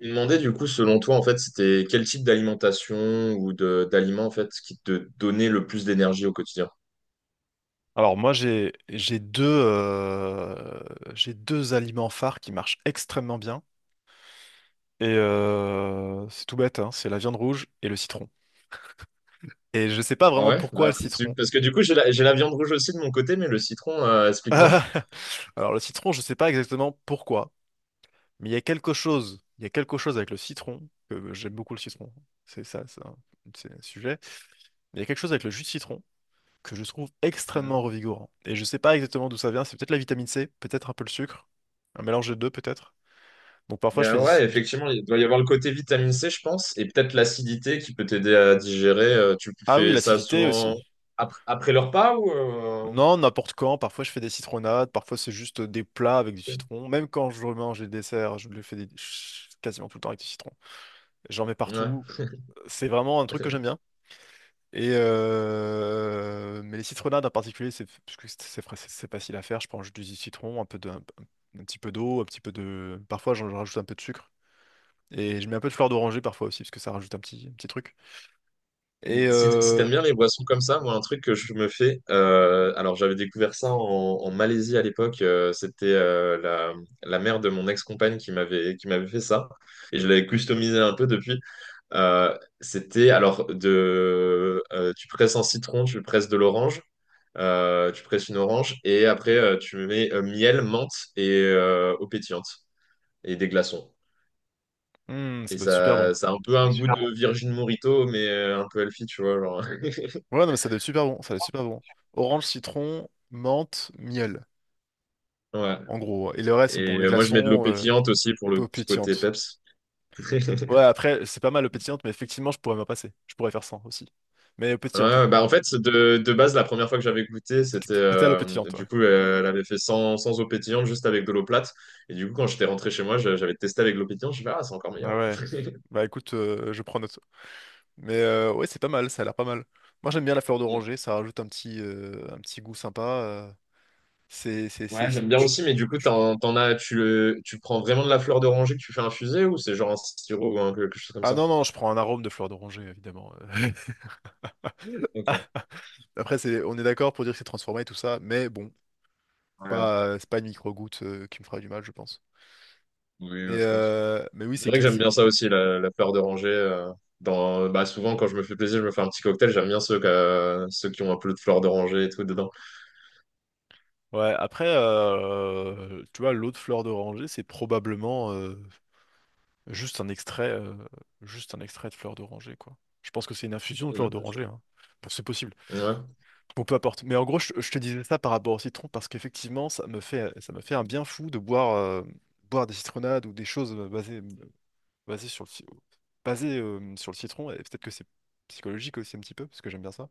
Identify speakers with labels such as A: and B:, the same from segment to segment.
A: Je me demandais du coup, selon toi, en fait, c'était quel type d'alimentation ou de d'aliments en fait qui te donnait le plus d'énergie au quotidien?
B: Alors moi j'ai deux j'ai deux aliments phares qui marchent extrêmement bien et c'est tout bête hein, c'est la viande rouge et le citron. Et je sais pas
A: Ah
B: vraiment
A: ouais?
B: pourquoi le
A: Bah,
B: citron.
A: parce que du coup, j'ai la viande rouge aussi de mon côté, mais le citron, explique-moi.
B: Alors le citron je sais pas exactement pourquoi mais il y a quelque chose il y a quelque chose avec le citron que j'aime beaucoup le citron c'est ça c'est un sujet mais il y a quelque chose avec le jus de citron que je trouve extrêmement
A: Mhm.
B: revigorant et je sais pas exactement d'où ça vient, c'est peut-être la vitamine C, peut-être un peu le sucre, un mélange des deux peut-être. Donc
A: Il
B: parfois
A: y
B: je fais,
A: a- ouais, effectivement, il doit y avoir le côté vitamine C, je pense, et peut-être l'acidité qui peut t'aider à digérer. Tu
B: ah oui,
A: fais ça
B: l'acidité
A: souvent
B: aussi.
A: après le repas ou.
B: Non, n'importe quand. Parfois, je fais des citronnades. Parfois, c'est juste des plats avec du citron. Même quand je mange les desserts, je le fais quasiment tout le temps avec du citron. J'en mets
A: Ouais.
B: partout. C'est vraiment un truc que j'aime bien. Et mais les citronnades en particulier, c'est parce que c'est facile à faire. Je prends juste du citron, un peu de, un petit peu d'eau, un petit peu de. Parfois, j'en rajoute un peu de sucre. Et je mets un peu de fleur d'oranger parfois aussi, parce que ça rajoute un petit truc. Et
A: Si t'aimes bien les boissons comme ça, moi, un truc que je me fais, alors j'avais découvert ça en Malaisie à l'époque, c'était la mère de mon ex-compagne qui m'avait fait ça, et je l'avais customisé un peu depuis. C'était alors tu presses un citron, tu presses de l'orange, tu presses une orange, et après tu mets miel, menthe et eau pétillante, et des glaçons.
B: ça
A: Et
B: doit être super bon.
A: ça a un peu un goût de Virgin Morito, mais un peu healthy, tu vois, genre.
B: Ouais, non, mais ça doit être super bon, ça doit être super bon. Orange, citron, menthe, miel,
A: Ouais.
B: en gros. Et le reste,
A: Et
B: c'est bon, les
A: moi, je mets de l'eau
B: glaçons,
A: pétillante aussi pour
B: les
A: le
B: peaux
A: petit côté
B: pétillantes.
A: peps.
B: Ouais, après, c'est pas mal aux pétillantes, mais effectivement, je pourrais m'en passer. Je pourrais faire ça aussi. Mais aux pétillantes, ouais.
A: Ouais, bah en fait, de base, la première fois que j'avais goûté, c'était
B: C'était à l'eau pétillante, ouais.
A: du coup, elle avait fait sans eau pétillante, juste avec de l'eau plate. Et du coup, quand j'étais rentré chez moi, j'avais testé avec l'eau pétillante. Je me suis dit, ah, c'est encore
B: Ah
A: meilleur.
B: ouais. Bah écoute, je prends note. Mais ouais, c'est pas mal, ça a l'air pas mal. Moi, j'aime bien la fleur
A: Mm.
B: d'oranger, ça rajoute un petit goût sympa. C'est, c'est, c'est,
A: Ouais,
B: c'est-
A: j'aime bien
B: tu-
A: aussi, mais du coup, t'en as, tu prends vraiment de la fleur d'oranger que tu fais infuser ou c'est genre un sirop quelque chose comme
B: Ah
A: ça?
B: non, non, je prends un arôme de fleur d'oranger, évidemment. Ah,
A: Ok.
B: après, c'est, on est d'accord pour dire que c'est transformé et tout ça, mais bon.
A: Ouais,
B: Pas, c'est pas une micro-goutte qui me fera du mal, je pense.
A: oui, je pense.
B: Mais oui,
A: C'est
B: c'est
A: vrai que j'aime bien
B: classique.
A: ça aussi, la fleur d'oranger. Bah souvent, quand je me fais plaisir, je me fais un petit cocktail. J'aime bien ceux qui ont un peu de fleur d'oranger et tout dedans.
B: Ouais, après, tu vois, l'eau de fleur d'oranger, c'est probablement juste un extrait, euh, juste un extrait de fleur d'oranger, quoi. Je pense que c'est une infusion de
A: Oui,
B: fleur
A: bien sûr.
B: d'oranger, hein. Bon, c'est possible.
A: Ouais.
B: Bon, peu importe. Mais en gros, je te disais ça par rapport au citron parce qu'effectivement, ça me fait un bien fou de boire, boire des citronnades ou des choses basées, basées sur le, ci- basées, sur le citron. Et peut-être que c'est psychologique aussi un petit peu, parce que j'aime bien ça.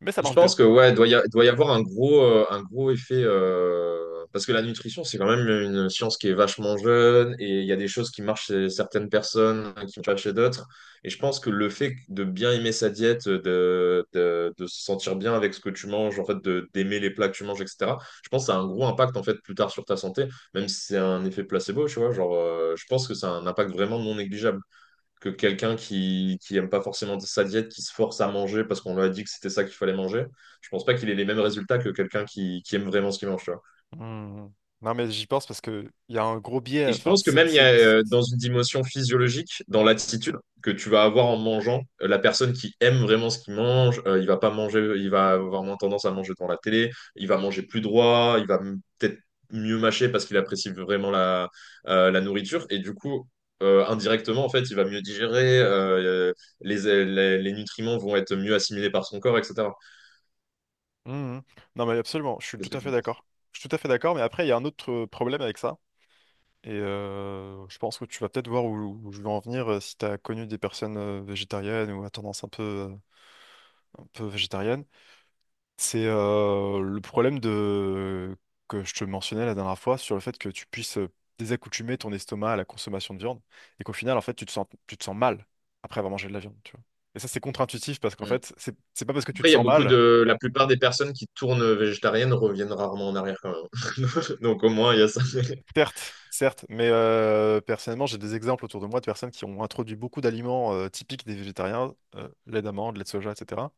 B: Mais ça
A: Je
B: marche bien.
A: pense que ouais, doit y avoir un gros effet parce que la nutrition, c'est quand même une science qui est vachement jeune et il y a des choses qui marchent chez certaines personnes, hein, qui marchent pas chez d'autres. Et je pense que le fait de bien aimer sa diète, de se sentir bien avec ce que tu manges, en fait, de d'aimer les plats que tu manges, etc. Je pense que ça a un gros impact en fait plus tard sur ta santé, même si c'est un effet placebo, tu vois. Genre, je pense que ça a un impact vraiment non négligeable que quelqu'un qui aime pas forcément sa diète, qui se force à manger parce qu'on lui a dit que c'était ça qu'il fallait manger. Je pense pas qu'il ait les mêmes résultats que quelqu'un qui aime vraiment ce qu'il mange.
B: Hmm. Non, mais j'y pense parce que il y a un gros biais.
A: Et je
B: Enfin,
A: pense que même il y a dans une dimension physiologique, dans l'attitude que tu vas avoir en mangeant, la personne qui aime vraiment ce qu'il mange, il va pas manger, il va avoir moins tendance à manger devant la télé, il va manger plus droit, il va peut-être mieux mâcher parce qu'il apprécie vraiment la nourriture. Et du coup, indirectement, en fait, il va mieux digérer, les nutriments vont être mieux assimilés par son corps, etc.
B: hmm. Non, mais absolument, je suis tout
A: Qu'est-ce que
B: à
A: tu
B: fait
A: en penses?
B: d'accord. Je suis tout à fait d'accord, mais après, il y a un autre problème avec ça. Et je pense que tu vas peut-être voir où je veux en venir si tu as connu des personnes végétariennes ou à tendance un peu végétarienne. C'est le problème de... que je te mentionnais la dernière fois sur le fait que tu puisses désaccoutumer ton estomac à la consommation de viande et qu'au final, en fait, tu te sens mal après avoir mangé de la viande, tu vois. Et ça, c'est contre-intuitif parce qu'en
A: Hmm.
B: fait, c'est pas parce que tu
A: Après,
B: te
A: il y a
B: sens mal,
A: la plupart des personnes qui tournent végétariennes reviennent rarement en arrière quand même. Donc au moins, il y a ça.
B: certes, certes, mais personnellement, j'ai des exemples autour de moi de personnes qui ont introduit beaucoup d'aliments typiques des végétariens, lait d'amande, lait de soja, etc.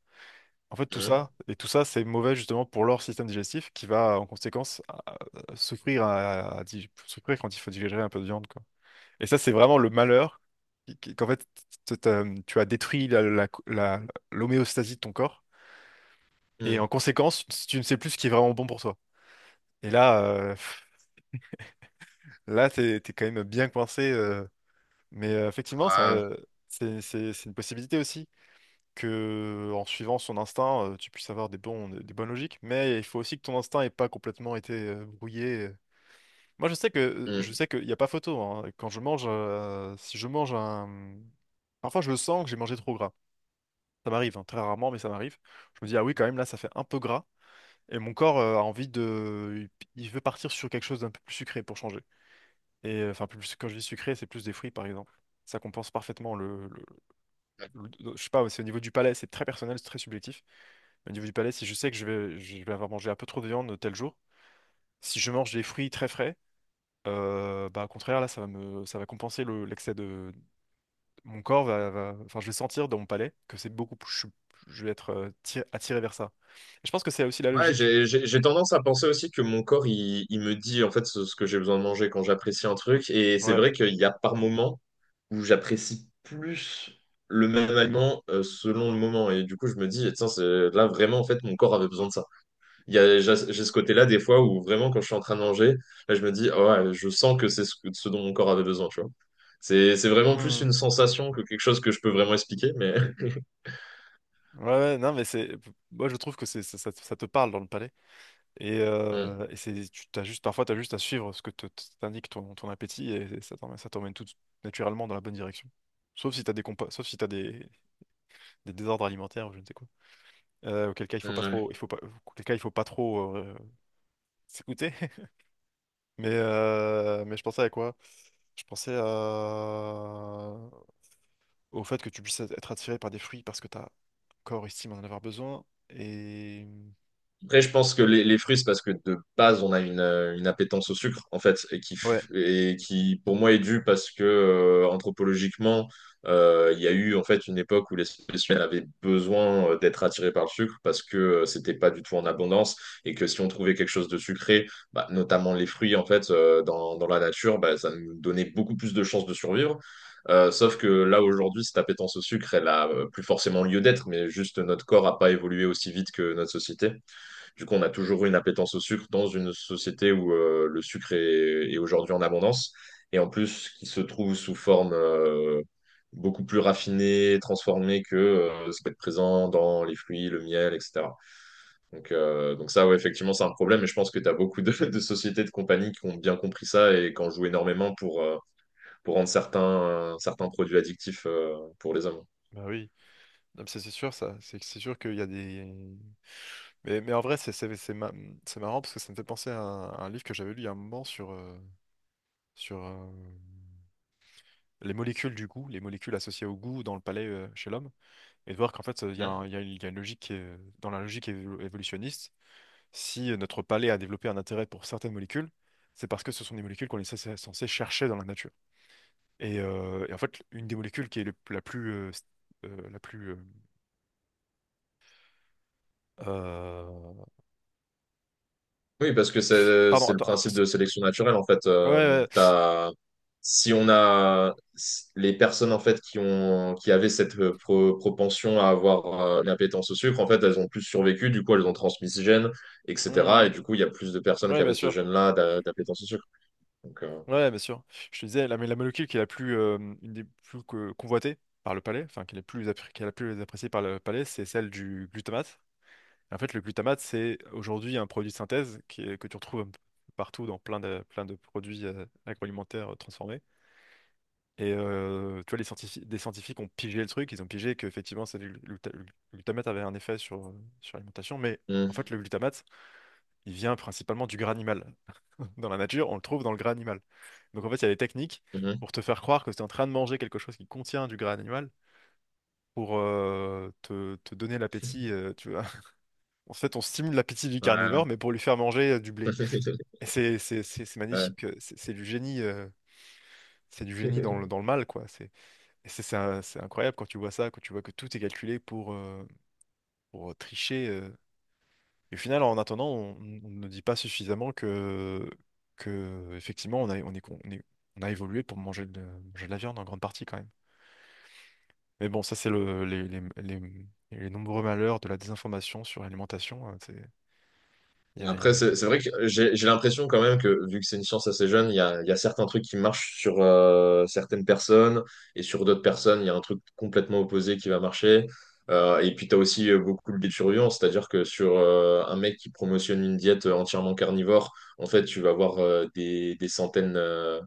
B: En fait, tout
A: Mm,
B: ça, et tout ça, c'est mauvais justement pour leur système digestif qui va en conséquence à souffrir, souffrir quand il faut digérer un peu de viande, quoi. Et ça, c'est vraiment le malheur qu'en fait, tu as détruit l'homéostasie de ton corps. Et en
A: mm.
B: conséquence, tu ne sais plus ce qui est vraiment bon pour toi. Et là, pff, là, t'es quand même bien coincé. Mais effectivement, ça,
A: Ouais,
B: c'est une possibilité aussi. Que en suivant son instinct, tu puisses avoir des bonnes logiques, mais il faut aussi que ton instinct ait pas complètement été brouillé. Moi, je sais que je
A: mm.
B: sais qu'il n'y a pas photo. Hein. Quand je mange, si je mange un, parfois je le sens que j'ai mangé trop gras. Ça m'arrive, hein, très rarement, mais ça m'arrive. Je me dis ah oui, quand même là, ça fait un peu gras. Et mon corps a envie de, il veut partir sur quelque chose d'un peu plus sucré pour changer. Et enfin, plus quand je dis sucré, c'est plus des fruits par exemple. Ça compense parfaitement le, je sais pas, c'est au niveau du palais, c'est très personnel, c'est très subjectif. Au niveau du palais, si je sais que je vais avoir mangé un peu trop de viande tel jour, si je mange des fruits très frais, bah, au contraire, là, ça va compenser l'excès de. Mon corps va, va- Enfin, je vais sentir dans mon palais que c'est beaucoup plus. Je vais être attiré vers ça. Et je pense que c'est aussi la
A: Ouais,
B: logique.
A: j'ai tendance à penser aussi que mon corps, il me dit en fait ce que j'ai besoin de manger quand j'apprécie un truc. Et c'est
B: Ouais.
A: vrai qu'il y a par moments où j'apprécie plus le même aliment selon le moment. Et du coup, je me dis, tiens, c'est là vraiment, en fait, mon corps avait besoin de ça. Il y a, j'ai ce côté-là des fois où vraiment quand je suis en train de manger, là je me dis, ah ouais, je sens que c'est ce dont mon corps avait besoin, tu vois. C'est vraiment plus une
B: Mhm.
A: sensation que quelque chose que je peux vraiment expliquer, mais
B: Ouais, ouais, non, mais c'est. Moi, je trouve que c'est, ça, ça te parle dans le palais.
A: Mm,
B: Et c'est, parfois, tu as juste à suivre ce que t'indique ton, ton appétit et ça t'emmène, ça t'emmène tout naturellement dans la bonne direction. Sauf si t'as des compas, sauf si t'as des désordres alimentaires ou je ne sais quoi. Auquel cas il faut pas
A: mm,
B: trop,
A: ouais.
B: il faut pas, auquel cas il faut pas trop s'écouter. Mais je pensais à quoi? Je pensais à- Au fait que tu puisses être attiré par des fruits parce que ta corps estime en avoir besoin. Et
A: Après, je pense que les fruits, c'est parce que de base, on a une appétence au sucre, en fait, et qui,
B: ouais,
A: f- et qui pour moi, est due parce que, anthropologiquement, il y a eu, en fait, une époque où l'espèce humaine avait besoin d'être attirée par le sucre parce que c'était pas du tout en abondance et que si on trouvait quelque chose de sucré, bah, notamment les fruits, en fait, dans la nature, bah, ça nous donnait beaucoup plus de chances de survivre. Sauf que là, aujourd'hui, cette appétence au sucre, elle a plus forcément lieu d'être, mais juste notre corps a pas évolué aussi vite que notre société. Du coup, on a toujours eu une appétence au sucre dans une société où le sucre est aujourd'hui en abondance. Et en plus, qui se trouve sous forme beaucoup plus raffinée, transformée que ce qui est présent dans les fruits, le miel, etc. Donc ça, ouais, effectivement, c'est un problème. Et je pense que tu as beaucoup de sociétés, de compagnies qui ont bien compris ça et qui en jouent énormément pour rendre certains produits addictifs pour les hommes.
B: bah oui, non, mais ça, c'est sûr ça, c'est sûr qu'il y a des. Mais en vrai c'est marrant parce que ça me fait penser à un livre que j'avais lu il y a un moment sur sur les molécules du goût, les molécules associées au goût dans le palais chez l'homme. Et de voir qu'en fait,
A: Ouais.
B: il y a une logique dans la logique évolutionniste, si notre palais a développé un intérêt pour certaines molécules, c'est parce que ce sont des molécules qu'on est censé chercher dans la nature. Et en fait, une des molécules qui est la plus... la plus euh,
A: Oui, parce que c'est
B: pardon,
A: c'est le
B: attends.
A: principe de sélection naturelle en fait.
B: Ouais, ouais,
A: T'as- si on a s- les personnes en fait qui avaient cette propension à avoir une appétence au sucre, en fait, elles ont plus survécu. Du coup, elles ont transmis ce gène,
B: ouais. Mmh,
A: etc. Et
B: mmh.
A: du coup, il y a plus de personnes qui
B: Ouais, bien
A: avaient ce
B: sûr.
A: gène-là d'appétence au sucre. Donc,
B: Ouais, bien sûr. Je te disais, la, mais la molécule qui est la plus, une des plus convoitées par le palais, enfin, qui est la plus appréciée par le palais, c'est celle du glutamate. En fait, le glutamate, c'est aujourd'hui un produit de synthèse que tu retrouves un peu partout dans plein de produits agroalimentaires transformés. Et tu vois, des scientifiques ont pigé le truc, ils ont pigé qu'effectivement, le glutamate avait un effet sur, sur l'alimentation, mais en
A: hum,
B: fait, le glutamate, il vient principalement du gras animal. Dans la nature, on le trouve dans le gras animal. Donc en fait, il y a des techniques
A: hum,
B: pour te faire croire que tu es en train de manger quelque chose qui contient du gras animal pour te donner l'appétit. Tu vois, en fait, on stimule l'appétit du
A: ouais.
B: carnivore, mais pour lui faire manger du blé. Et c'est magnifique, c'est du génie, c'est du
A: Ouais.
B: génie dans le mal, quoi. C'est, et c'est incroyable quand tu vois ça, quand tu vois que tout est calculé pour tricher. Et au final, en attendant, on ne dit pas suffisamment que effectivement, on a, on est, con- on est, on a évolué pour manger de la viande en grande partie, quand même. Mais bon, ça, c'est le, les nombreux malheurs de la désinformation sur l'alimentation. Hein, il y a- il y
A: Après,
B: a-
A: c'est vrai que j'ai l'impression quand même que, vu que c'est une science assez jeune, il y a certains trucs qui marchent sur certaines personnes et sur d'autres personnes, il y a un truc complètement opposé qui va marcher. Et puis, tu as aussi beaucoup le biais de biturient, c'est-à-dire que sur un mec qui promotionne une diète entièrement carnivore, en fait, tu vas avoir des, des centaines, euh,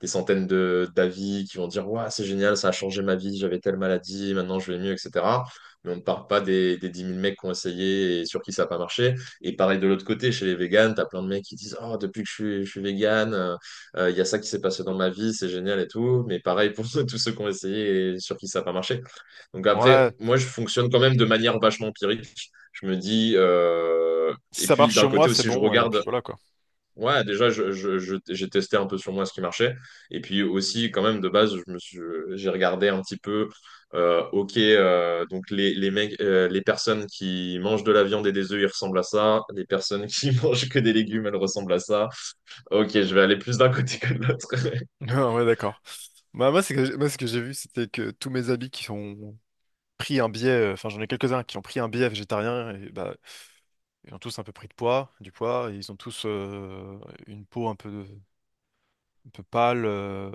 A: des centaines de d'avis qui vont dire, waouh, c'est génial, ça a changé ma vie, j'avais telle maladie, maintenant je vais mieux, etc. Mais on ne parle pas des 10 000 mecs qui ont essayé et sur qui ça n'a pas marché. Et pareil de l'autre côté, chez les véganes, t'as plein de mecs qui disent oh, depuis que je suis végane, il y a ça qui s'est passé dans ma vie, c'est génial et tout. Mais pareil pour tous ceux qui ont essayé et sur qui ça n'a pas marché. Donc
B: ouais,
A: après, moi, je fonctionne quand même de manière vachement empirique. Je me dis,
B: si
A: et
B: ça
A: puis
B: marche
A: d'un
B: sur moi,
A: côté
B: c'est
A: aussi, je
B: bon, et
A: regarde.
B: puis voilà quoi.
A: Ouais, déjà, j'ai testé un peu sur moi ce qui marchait. Et puis aussi, quand même, de base, j'ai regardé un petit peu, ok, donc les personnes qui mangent de la viande et des œufs, ils ressemblent à ça. Les personnes qui mangent que des légumes, elles ressemblent à ça. Ok, je vais aller plus d'un côté que de l'autre.
B: Ah ouais, d'accord. Bah, moi, moi, ce que j'ai vu, c'était que tous mes amis qui ont pris un biais, enfin, j'en ai quelques-uns qui ont pris un biais végétarien, et bah, ils ont tous un peu du poids, et ils ont tous une peau un peu pâle,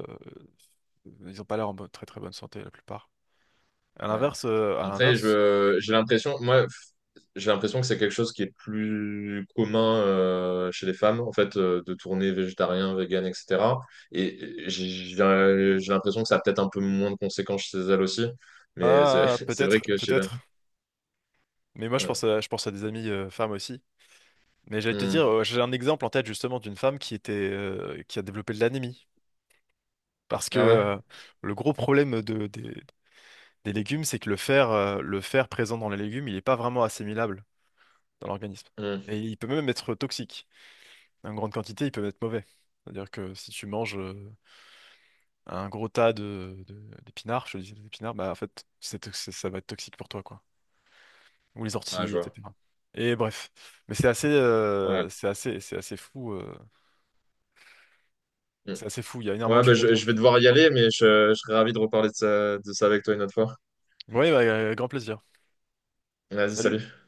B: ils ont pas l'air très très bonne santé, la plupart.
A: Ouais.
B: À
A: Après,
B: l'inverse,
A: je, j'ai l'impression, moi, j'ai l'impression que c'est quelque chose qui est plus commun chez les femmes, en fait, de tourner végétarien, vegan, etc. Et j'ai l'impression que ça a peut-être un peu moins de conséquences chez elles aussi. Mais c'est
B: ah, ah,
A: c'est vrai
B: peut-être,
A: que chez la...
B: peut-être, mais moi,
A: Ouais.
B: je pense à des amis femmes aussi. Mais j'allais te
A: Hmm.
B: dire, j'ai un exemple en tête justement d'une femme qui était, qui a développé de l'anémie. Parce que
A: Ah ouais?
B: le gros problème des légumes, c'est que le fer présent dans les légumes, il n'est pas vraiment assimilable dans l'organisme.
A: Hmm.
B: Et il peut même être toxique. En grande quantité, il peut être mauvais. C'est-à-dire que si tu manges un gros tas de, d'épinards, je te dis des épinards, bah en fait, ça va être toxique pour toi, quoi. Ou les
A: Ah, je
B: orties,
A: vois.
B: etc. Et bref. Mais c'est assez,
A: Ouais.
B: c'est assez, c'est assez fou.
A: Hmm.
B: C'est assez fou. Il y a énormément
A: Ouais,
B: de
A: bah,
B: choses à
A: je,
B: dire.
A: je vais devoir y aller, mais je serais ravi de reparler de ça, avec toi une autre fois.
B: Oui, bah, grand plaisir.
A: Vas-y,
B: Salut.
A: salut.